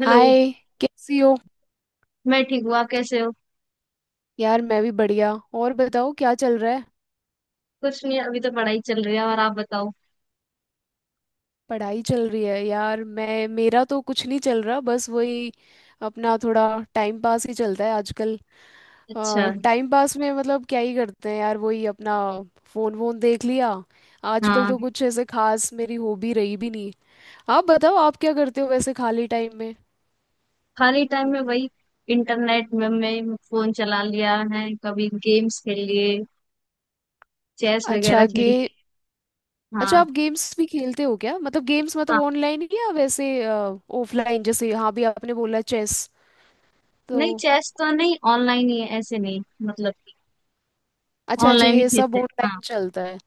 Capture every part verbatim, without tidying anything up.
Hello. Hi. कैसी हो? मैं ठीक हूँ, आप कैसे हो? यार मैं भी बढ़िया। और बताओ, क्या चल रहा है? कुछ नहीं, अभी तो पढ़ाई चल रही है, और आप बताओ? पढ़ाई चल रही है। यार मैं, मेरा तो कुछ नहीं चल रहा, बस वही अपना थोड़ा टाइम पास ही चलता है आजकल। अच्छा। आ, टाइम पास में मतलब क्या ही करते हैं यार, वही अपना फोन वोन देख लिया। आजकल हाँ। तो कुछ ऐसे खास मेरी हॉबी रही भी नहीं। आप बताओ, आप क्या करते हो वैसे खाली टाइम में? खाली टाइम में वही इंटरनेट में, मैं फोन चला लिया है, कभी गेम्स खेल लिए, चेस अच्छा, वगैरह खेल गे। लिए। अच्छा, हाँ। आप गेम्स भी खेलते हो क्या? मतलब गेम्स मतलब हाँ, ऑनलाइन या वैसे ऑफलाइन? जैसे हाँ भी आपने बोला चेस, तो। नहीं चेस तो नहीं, ऑनलाइन ही है, ऐसे नहीं मतलब। अच्छा अच्छा, ऑनलाइन ही ये सब खेलते हैं, हाँ। ऑनलाइन चलता है।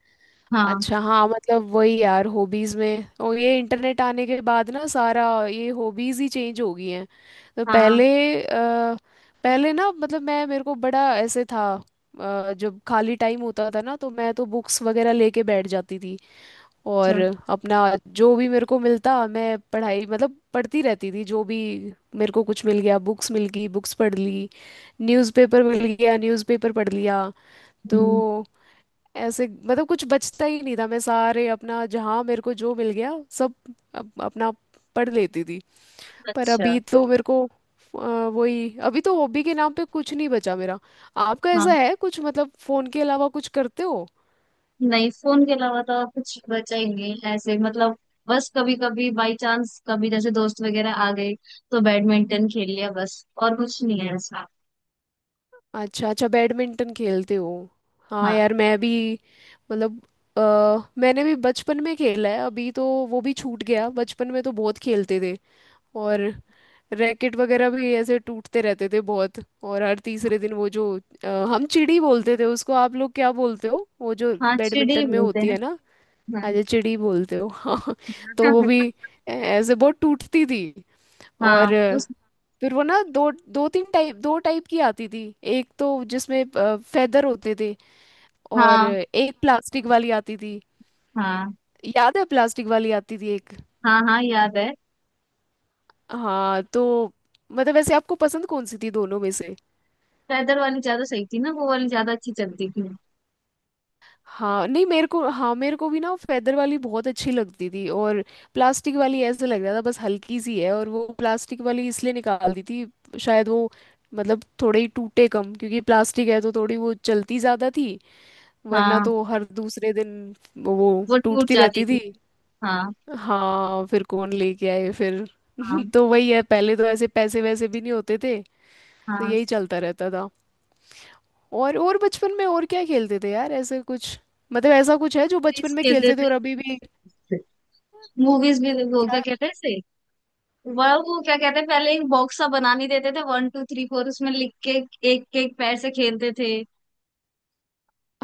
हाँ। अच्छा हाँ, मतलब वही यार हॉबीज में, और ये इंटरनेट आने के बाद ना सारा ये हॉबीज ही चेंज हो गई हैं। तो हाँ। पहले अ, पहले ना, मतलब मैं मेरे को बड़ा ऐसे था। अ, जब खाली टाइम होता था ना, तो मैं तो बुक्स वगैरह लेके बैठ जाती थी, और अच्छा। अपना जो भी मेरे को मिलता, मैं पढ़ाई मतलब पढ़ती रहती थी। जो भी मेरे को कुछ मिल गया, बुक्स मिल गई बुक्स पढ़ ली, न्यूज़पेपर मिल गया न्यूज़पेपर पढ़ लिया। हम्म। तो ऐसे मतलब कुछ बचता ही नहीं था, मैं सारे अपना जहाँ मेरे को जो मिल गया सब अप, अपना पढ़ लेती थी। पर अच्छा। अभी तो मेरे को अ, वही, अभी तो हॉबी के नाम पे कुछ नहीं बचा मेरा। आपका ऐसा हाँ, है कुछ, मतलब फोन के अलावा कुछ करते हो? नहीं फोन के अलावा तो और कुछ बचा ही नहीं है ऐसे मतलब। बस कभी कभी बाई चांस, कभी जैसे दोस्त वगैरह आ गए तो बैडमिंटन खेल लिया, बस और कुछ नहीं है ऐसा। अच्छा अच्छा, बैडमिंटन खेलते हो। हाँ हाँ। यार मैं भी, मतलब अ, मैंने भी बचपन में खेला है। अभी तो वो भी छूट गया। बचपन में तो बहुत खेलते थे, और रैकेट वगैरह भी ऐसे टूटते रहते थे बहुत। और हर तीसरे दिन वो जो अ, हम चिड़ी बोलते थे उसको, आप लोग क्या बोलते हो वो जो हाँ, चिड़ी बैडमिंटन में बोलते होती हैं। है ना? हाँ। अजय चिड़ी बोलते हो हाँ तो वो भी ऐ- ऐसे बहुत टूटती थी। हाँ। और अ, उस। फिर वो ना दो दो तीन टाइप दो टाइप की आती थी। एक तो जिसमें फेदर होते थे, और हाँ। एक प्लास्टिक वाली आती थी। हाँ। याद है, प्लास्टिक वाली आती थी एक। हाँ। हाँ, याद है। हाँ तो मतलब वैसे आपको पसंद कौन सी थी दोनों में से? पैदल वाली ज्यादा सही थी ना, वो वाली ज्यादा अच्छी चलती थी। हाँ नहीं, मेरे को, हाँ मेरे को भी ना फेदर वाली बहुत अच्छी लगती थी। और प्लास्टिक वाली ऐसे लग रहा था बस हल्की सी है, और वो प्लास्टिक वाली इसलिए निकाल दी थी शायद, वो मतलब थोड़े ही टूटे, कम, क्योंकि प्लास्टिक है तो थोड़ी वो चलती ज्यादा थी। वरना हाँ। तो हर दूसरे दिन वो वो टूट टूटती जाती रहती थी। थी। हाँ। हाँ, फिर कौन लेके आए फिर? हाँ। तो वही है, पहले तो ऐसे पैसे वैसे भी नहीं होते थे, तो हाँ। यही चलता रहता था। और और बचपन में और क्या खेलते थे यार ऐसे कुछ, मतलब ऐसा कुछ है जो बचपन चेस में खेलते खेलते थे थे, और अभी भी? मूवीज भी। वो क्या कहते हैं इसे, वह वो क्या कहते हैं, पहले एक बॉक्स सा बनाने देते थे, वन टू थ्री फोर उसमें लिख के एक एक पैर से खेलते थे।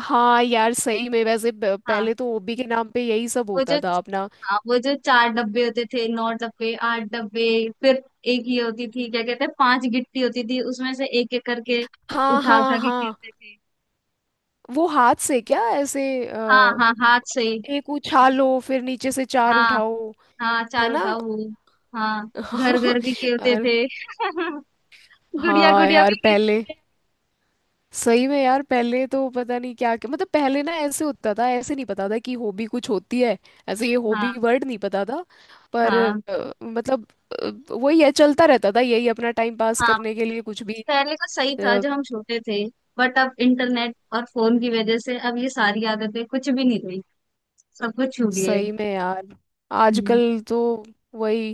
हाँ यार, सही में। वैसे प- हाँ, पहले तो ओबी के नाम पे यही सब वो जो। होता था अपना। हाँ, वो जो चार डब्बे होते थे, नौ डब्बे, आठ डब्बे। फिर एक ये होती थी, क्या कहते हैं, पांच गिट्टी होती थी, उसमें से एक एक करके हाँ उठा हाँ उठा के हाँ। खेलते थे। वो हाथ से क्या, ऐसे हाँ, अ, हाँ, हाथ से। एक उछालो फिर नीचे से चार हाँ, उठाओ, हाँ है चार ना? उठाओ वो। हाँ। घर घर भी खेलते और थे। गुड़िया हाँ गुड़िया यार, भी पहले खेलते थे। सही में यार, पहले तो पता नहीं क्या क्या, मतलब पहले ना ऐसे होता था, ऐसे नहीं पता था कि हॉबी कुछ होती है। ऐसे ये हाँ। हॉबी वर्ड नहीं पता था, पर हाँ। अ, मतलब अ, वही है, चलता रहता था यही अपना टाइम पास हाँ, करने के लिए कुछ भी। पहले का सही था अ, जब हम छोटे थे। बट अब इंटरनेट और फोन की वजह से अब ये सारी आदतें कुछ भी नहीं रही, सब कुछ छूट गए। सही में यार, हम्म। आजकल तो वही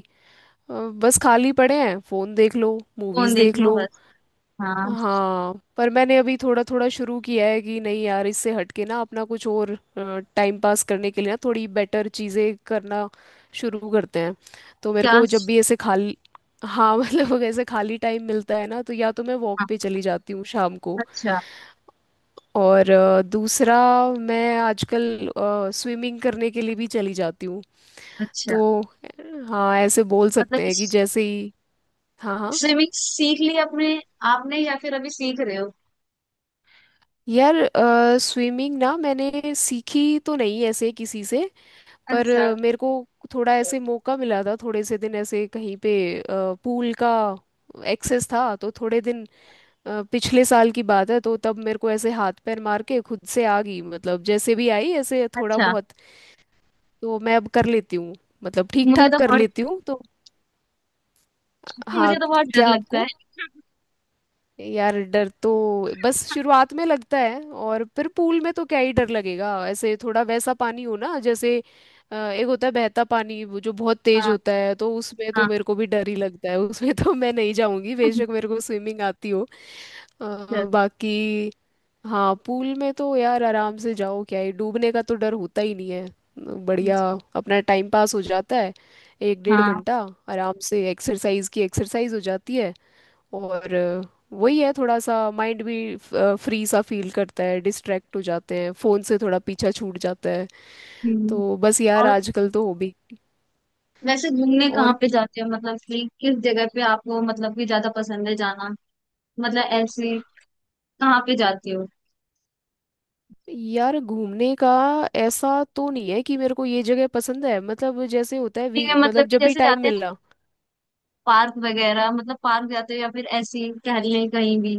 अ, बस खाली पड़े हैं, फोन देख लो मूवीज फोन देख देख लो लो। बस। हाँ। हाँ पर मैंने अभी थोड़ा थोड़ा शुरू किया है कि नहीं यार, इससे हटके ना अपना कुछ और टाइम पास करने के लिए ना थोड़ी बेटर चीज़ें करना शुरू करते हैं। तो मेरे क्या? को जब भी ऐसे खाली, हाँ मतलब ऐसे खाली टाइम मिलता है ना, तो या तो मैं वॉक हाँ। पे चली जाती हूँ शाम को। अच्छा। और अ, दूसरा, मैं आजकल स्विमिंग करने के लिए भी चली जाती हूँ। अच्छा, तो हाँ ऐसे बोल मतलब सकते कि हैं कि जैसे ही, हाँ हाँ। स्विमिंग सीख ली अपने आपने या फिर अभी सीख रहे हो? यार स्विमिंग ना मैंने सीखी तो नहीं ऐसे किसी से, पर अच्छा। अ, मेरे को थोड़ा ऐसे मौका मिला था, थोड़े से दिन ऐसे कहीं पे पूल का एक्सेस था, तो थोड़े दिन अ, पिछले साल की बात है। तो तब मेरे को ऐसे हाथ पैर मार के खुद से आ गई, मतलब जैसे भी आई ऐसे थोड़ा अच्छा। बहुत। तो मैं अब कर लेती हूँ, मतलब ठीक मुझे ठाक तो कर बहुत, लेती हूँ तो। हाँ, मुझे तो बहुत डर क्या लगता है। आपको? यार डर तो बस शुरुआत में लगता है, और फिर पूल में तो क्या ही डर लगेगा। ऐसे थोड़ा वैसा पानी हो ना, जैसे अ, एक होता है बहता पानी, वो जो बहुत तेज हाँ। होता है, तो उसमें तो हाँ। मेरे को भी डर ही लगता है। उसमें तो मैं नहीं जाऊंगी, अच्छा। बेशक मेरे को स्विमिंग आती हो। अ, बाकी हाँ, पूल में तो यार आराम से जाओ, क्या है, डूबने का तो डर होता ही नहीं है। बढ़िया अपना टाइम पास हो जाता है एक डेढ़ हाँ। घंटा आराम से, एक्सरसाइज की एक्सरसाइज हो जाती है। और वही है, थोड़ा सा माइंड भी फ्री सा फील करता है, डिस्ट्रैक्ट हो जाते हैं, फोन से थोड़ा पीछा छूट जाता है। हम्म। तो बस यार और आजकल तो हॉबी। वैसे घूमने कहाँ और पे जाते हो, मतलब कि किस जगह पे आपको मतलब कि ज्यादा पसंद है जाना? मतलब ऐसे कहाँ पे जाती हो? यार घूमने का ऐसा तो नहीं है कि मेरे को ये जगह पसंद है। मतलब जैसे होता है ठीक वी, है, मतलब मतलब कि जब भी जैसे टाइम जाते हैं ना मिला। पार्क वगैरह, मतलब पार्क जाते हो या फिर ऐसे ही टहलने कहीं भी?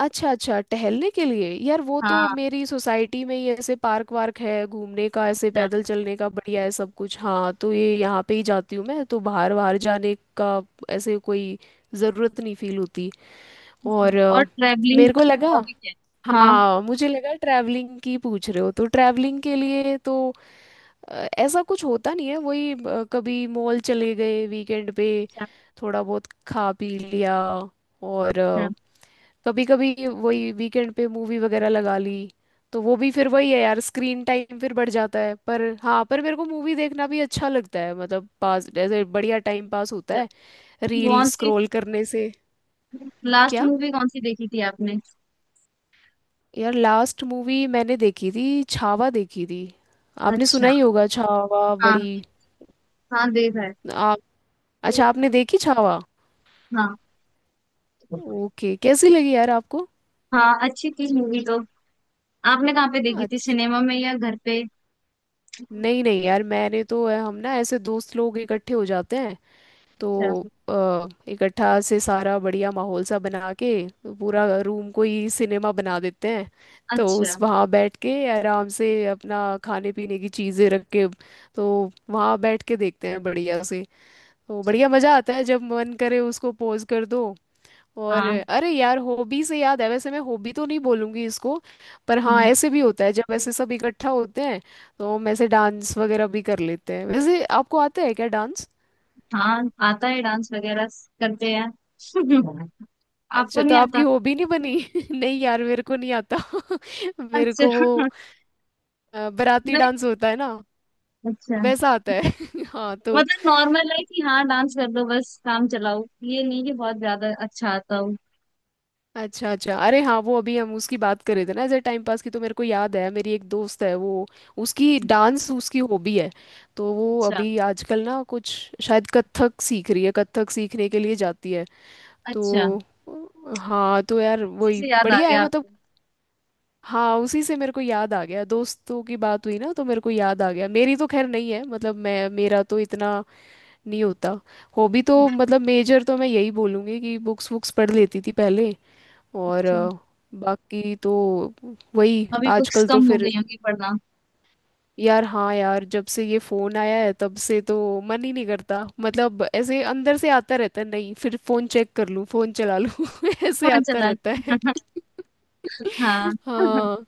अच्छा अच्छा, टहलने के लिए यार वो तो हाँ। मेरी सोसाइटी में ही ऐसे पार्क वार्क है, घूमने का ऐसे अच्छा। पैदल चलने का बढ़िया है सब कुछ। हाँ तो ये यहाँ पे ही जाती हूँ मैं, तो बाहर बाहर जाने का ऐसे कोई ज़रूरत नहीं फील होती। अच्छा। और अ, और ट्रेवलिंग मेरे को लगा, हॉबी क्या है? हाँ। हाँ मुझे लगा ट्रैवलिंग की पूछ रहे हो। तो ट्रैवलिंग के लिए तो अ, ऐसा कुछ होता नहीं है। वही अ, कभी मॉल चले गए वीकेंड पे, अच्छा। थोड़ा बहुत खा पी लिया। और अच्छा। कभी कभी वही वीकेंड पे मूवी वगैरह लगा ली। तो वो भी फिर वही है यार, स्क्रीन टाइम फिर बढ़ जाता है। पर हाँ, पर मेरे को मूवी देखना भी अच्छा लगता है, मतलब पास ऐसे बढ़िया टाइम पास होता अच्छा। है रील कौन सी स्क्रॉल करने से। लास्ट क्या? मूवी कौन सी देखी थी आपने? यार लास्ट मूवी मैंने देखी थी, छावा देखी थी। आपने सुना अच्छा। ही होगा छावा, हाँ, बड़ी। हाँ, देखा है। आप, अच्छा आपने देखी छावा? हाँ, ओके, कैसी लगी यार आपको? हाँ, अच्छी थी मूवी तो। आपने कहाँ पे देखी थी, अच्छा, सिनेमा में या घर पे? नहीं नहीं यार मैंने तो अ, हम ना ऐसे दोस्त लोग इकट्ठे हो जाते हैं, तो अच्छा। अ, इकट्ठा से सारा बढ़िया माहौल सा बना के पूरा रूम को ही सिनेमा बना देते हैं। तो उस अच्छा। वहाँ बैठ के आराम से अपना खाने पीने की चीज़ें रख के, तो वहाँ बैठ के देखते हैं बढ़िया से। तो बढ़िया मजा आता है, जब मन करे उसको पोज कर दो। और हाँ। अरे यार हॉबी से याद है, वैसे मैं हॉबी तो नहीं बोलूंगी इसको, पर हाँ हम्म। ऐसे भी होता है जब ऐसे सब इकट्ठा होते हैं, तो हम ऐसे डांस वगैरह भी कर लेते हैं। वैसे आपको आता है क्या डांस? हाँ, आता है डांस वगैरह, करते हैं। आपको अच्छा तो नहीं आपकी आता? हॉबी नहीं बनी नहीं यार, मेरे को नहीं आता मेरे अच्छा। को वो नहीं अ, बाराती डांस मतलब। होता है ना, अच्छा, वैसा आता नहीं है हाँ तो, मतलब नॉर्मल है कि हाँ डांस कर लो बस, काम चलाओ, ये नहीं कि बहुत ज्यादा अच्छा आता हो। अच्छा अच्छा, अरे हाँ वो अभी हम उसकी बात कर रहे थे ना एज टाइम पास की, तो मेरे को याद है, मेरी एक दोस्त है, वो, उसकी डांस उसकी हॉबी है। तो वो अच्छा। अभी आजकल ना कुछ शायद कथक सीख रही है, कथक सीखने के लिए जाती है। अच्छा, तो हाँ तो यार इसी वही से याद आ बढ़िया है गया मतलब। आपको? हाँ उसी से मेरे को याद आ गया, दोस्तों की बात हुई ना, तो मेरे को याद आ गया। मेरी तो खैर नहीं है, मतलब मैं मेरा तो इतना नहीं होता। हॉबी तो मतलब मेजर तो मैं यही बोलूँगी कि बुक्स वुक्स पढ़ लेती थी पहले। और अच्छा। अ, बाकी तो वही, अभी बुक्स आजकल तो कम हो फिर गई होंगी पढ़ना। यार। हाँ यार, जब से ये फोन आया है तब से तो मन ही नहीं करता। मतलब ऐसे अंदर से आता रहता है, नहीं फिर फोन चेक कर लूँ, फोन चला लूँ ऐसे फोन आता चला लो। रहता है। हाँ। हाँ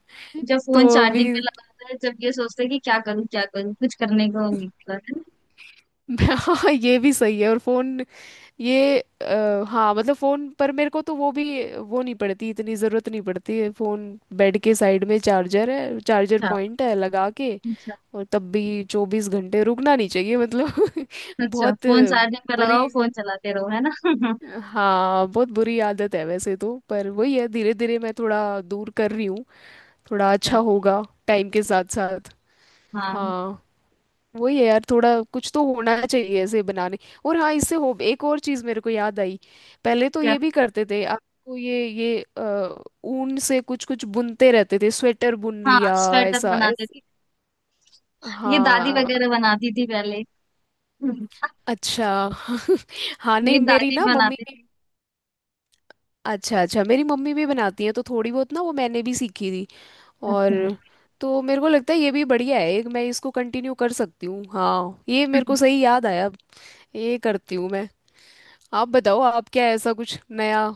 जब तो फोन अभी चार्जिंग पे लगाता है, जब ये सोचते हैं कि क्या करूँ क्या करूँ, कुछ करने को नहीं होता है ना? हाँ ये भी सही है। और फोन ये आ, हाँ मतलब फोन पर मेरे को तो वो भी वो नहीं पड़ती, इतनी जरूरत नहीं पड़ती है। फोन बेड के साइड में चार्जर है, चार्जर अच्छा। पॉइंट है लगा के, अच्छा। और तब भी चौबीस घंटे रुकना नहीं चाहिए मतलब अच्छा बहुत फोन चार्जिंग पे बुरी। लगाओ फोन चलाते रहो, है ना? हाँ बहुत बुरी आदत है वैसे तो, पर वही है धीरे धीरे मैं थोड़ा दूर कर रही हूँ, थोड़ा अच्छा। अच्छा होगा टाइम के साथ साथ। हाँ। हाँ वही है यार, थोड़ा कुछ तो होना चाहिए ऐसे बनाने। और हाँ इससे हो, एक और चीज मेरे को याद आई। पहले तो क्या? ये भी करते थे, आपको ये ये अ, ऊन से कुछ कुछ बुनते रहते थे, स्वेटर बुन हाँ, लिया स्वेटर ऐसा बनाते, ऐसा। ये दादी हाँ वगैरह बनाती थी पहले। हम्म। अच्छा, हाँ नहीं मेरी मेरी दादी ना मम्मी बनाती भी, थी। अच्छा अच्छा, मेरी मम्मी भी बनाती है। तो थोड़ी बहुत ना वो मैंने भी सीखी थी। और अच्छा। तो मेरे को लगता है ये भी बढ़िया है, एक मैं इसको कंटिन्यू कर सकती हूँ। हाँ ये मेरे को सही याद आया, ये करती हूँ मैं। आप बताओ, आप क्या, ऐसा कुछ नया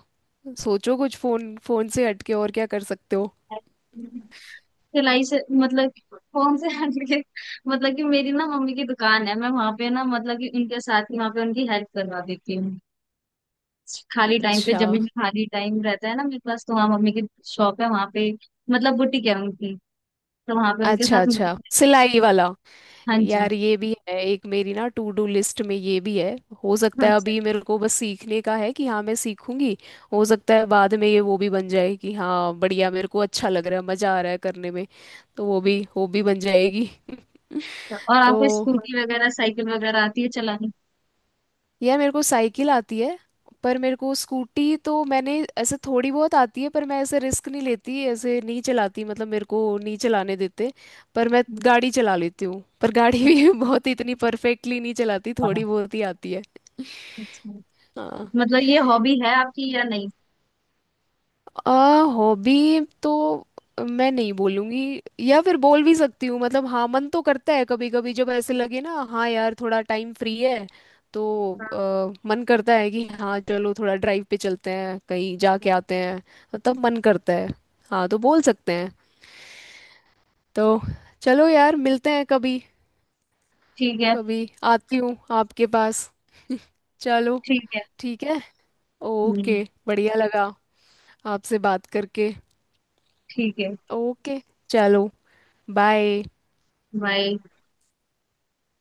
सोचो कुछ, फोन फोन से हटके और क्या कर सकते हो? हम्म। सिलाई से मतलब? कौन से हटके? मतलब कि मेरी ना मम्मी की दुकान है, मैं वहां पे ना मतलब कि उनके साथ ही वहां पे उनकी हेल्प करवा देती हूँ। खाली टाइम पे, अच्छा जब भी खाली टाइम रहता है ना मेरे पास, तो वहाँ मम्मी की शॉप है वहां पे, मतलब बुटीक है उनकी, तो वहां पे उनके अच्छा, साथ अच्छा मदद-। सिलाई वाला। हाँ जी। यार ये भी है एक मेरी ना टू डू लिस्ट में, ये भी है। हो सकता है, अच्छा। अभी मेरे को बस सीखने का है कि हाँ मैं सीखूंगी। हो सकता है बाद में ये वो भी बन जाए कि हाँ बढ़िया, मेरे को अच्छा लग रहा है, मजा आ रहा है करने में, तो वो भी अच्छा। वो भी बन जाएगी और आपको तो स्कूटी वगैरह साइकिल वगैरह आती है चलानी? यार मेरे को साइकिल आती है, पर मेरे को स्कूटी तो, मैंने ऐसे थोड़ी बहुत आती है, पर मैं ऐसे रिस्क नहीं लेती, ऐसे नहीं चलाती, मतलब मेरे को नहीं चलाने देते। पर मैं गाड़ी चला लेती हूँ, पर गाड़ी भी बहुत इतनी परफेक्टली नहीं चलाती, थोड़ी बहुत ही आती है। हाँ। हाँ, मतलब ये हॉबी है आपकी या नहीं? अ हॉबी तो मैं नहीं बोलूंगी, या फिर बोल भी सकती हूँ, मतलब हाँ मन तो करता है कभी कभी, जब ऐसे लगे ना हाँ यार थोड़ा टाइम फ्री है, तो हाँ। अ, मन करता है कि हाँ चलो थोड़ा ड्राइव पे चलते हैं, कहीं जाके आते हैं। तो तब मन करता है, हाँ तो बोल सकते हैं तो। चलो यार मिलते हैं कभी, ठीक है। कभी आती हूँ आपके पास चलो, ठीक है। ठीक है, हम्म। ओके। बढ़िया लगा आपसे बात करके। ठीक है। ओके चलो, बाय। भाई।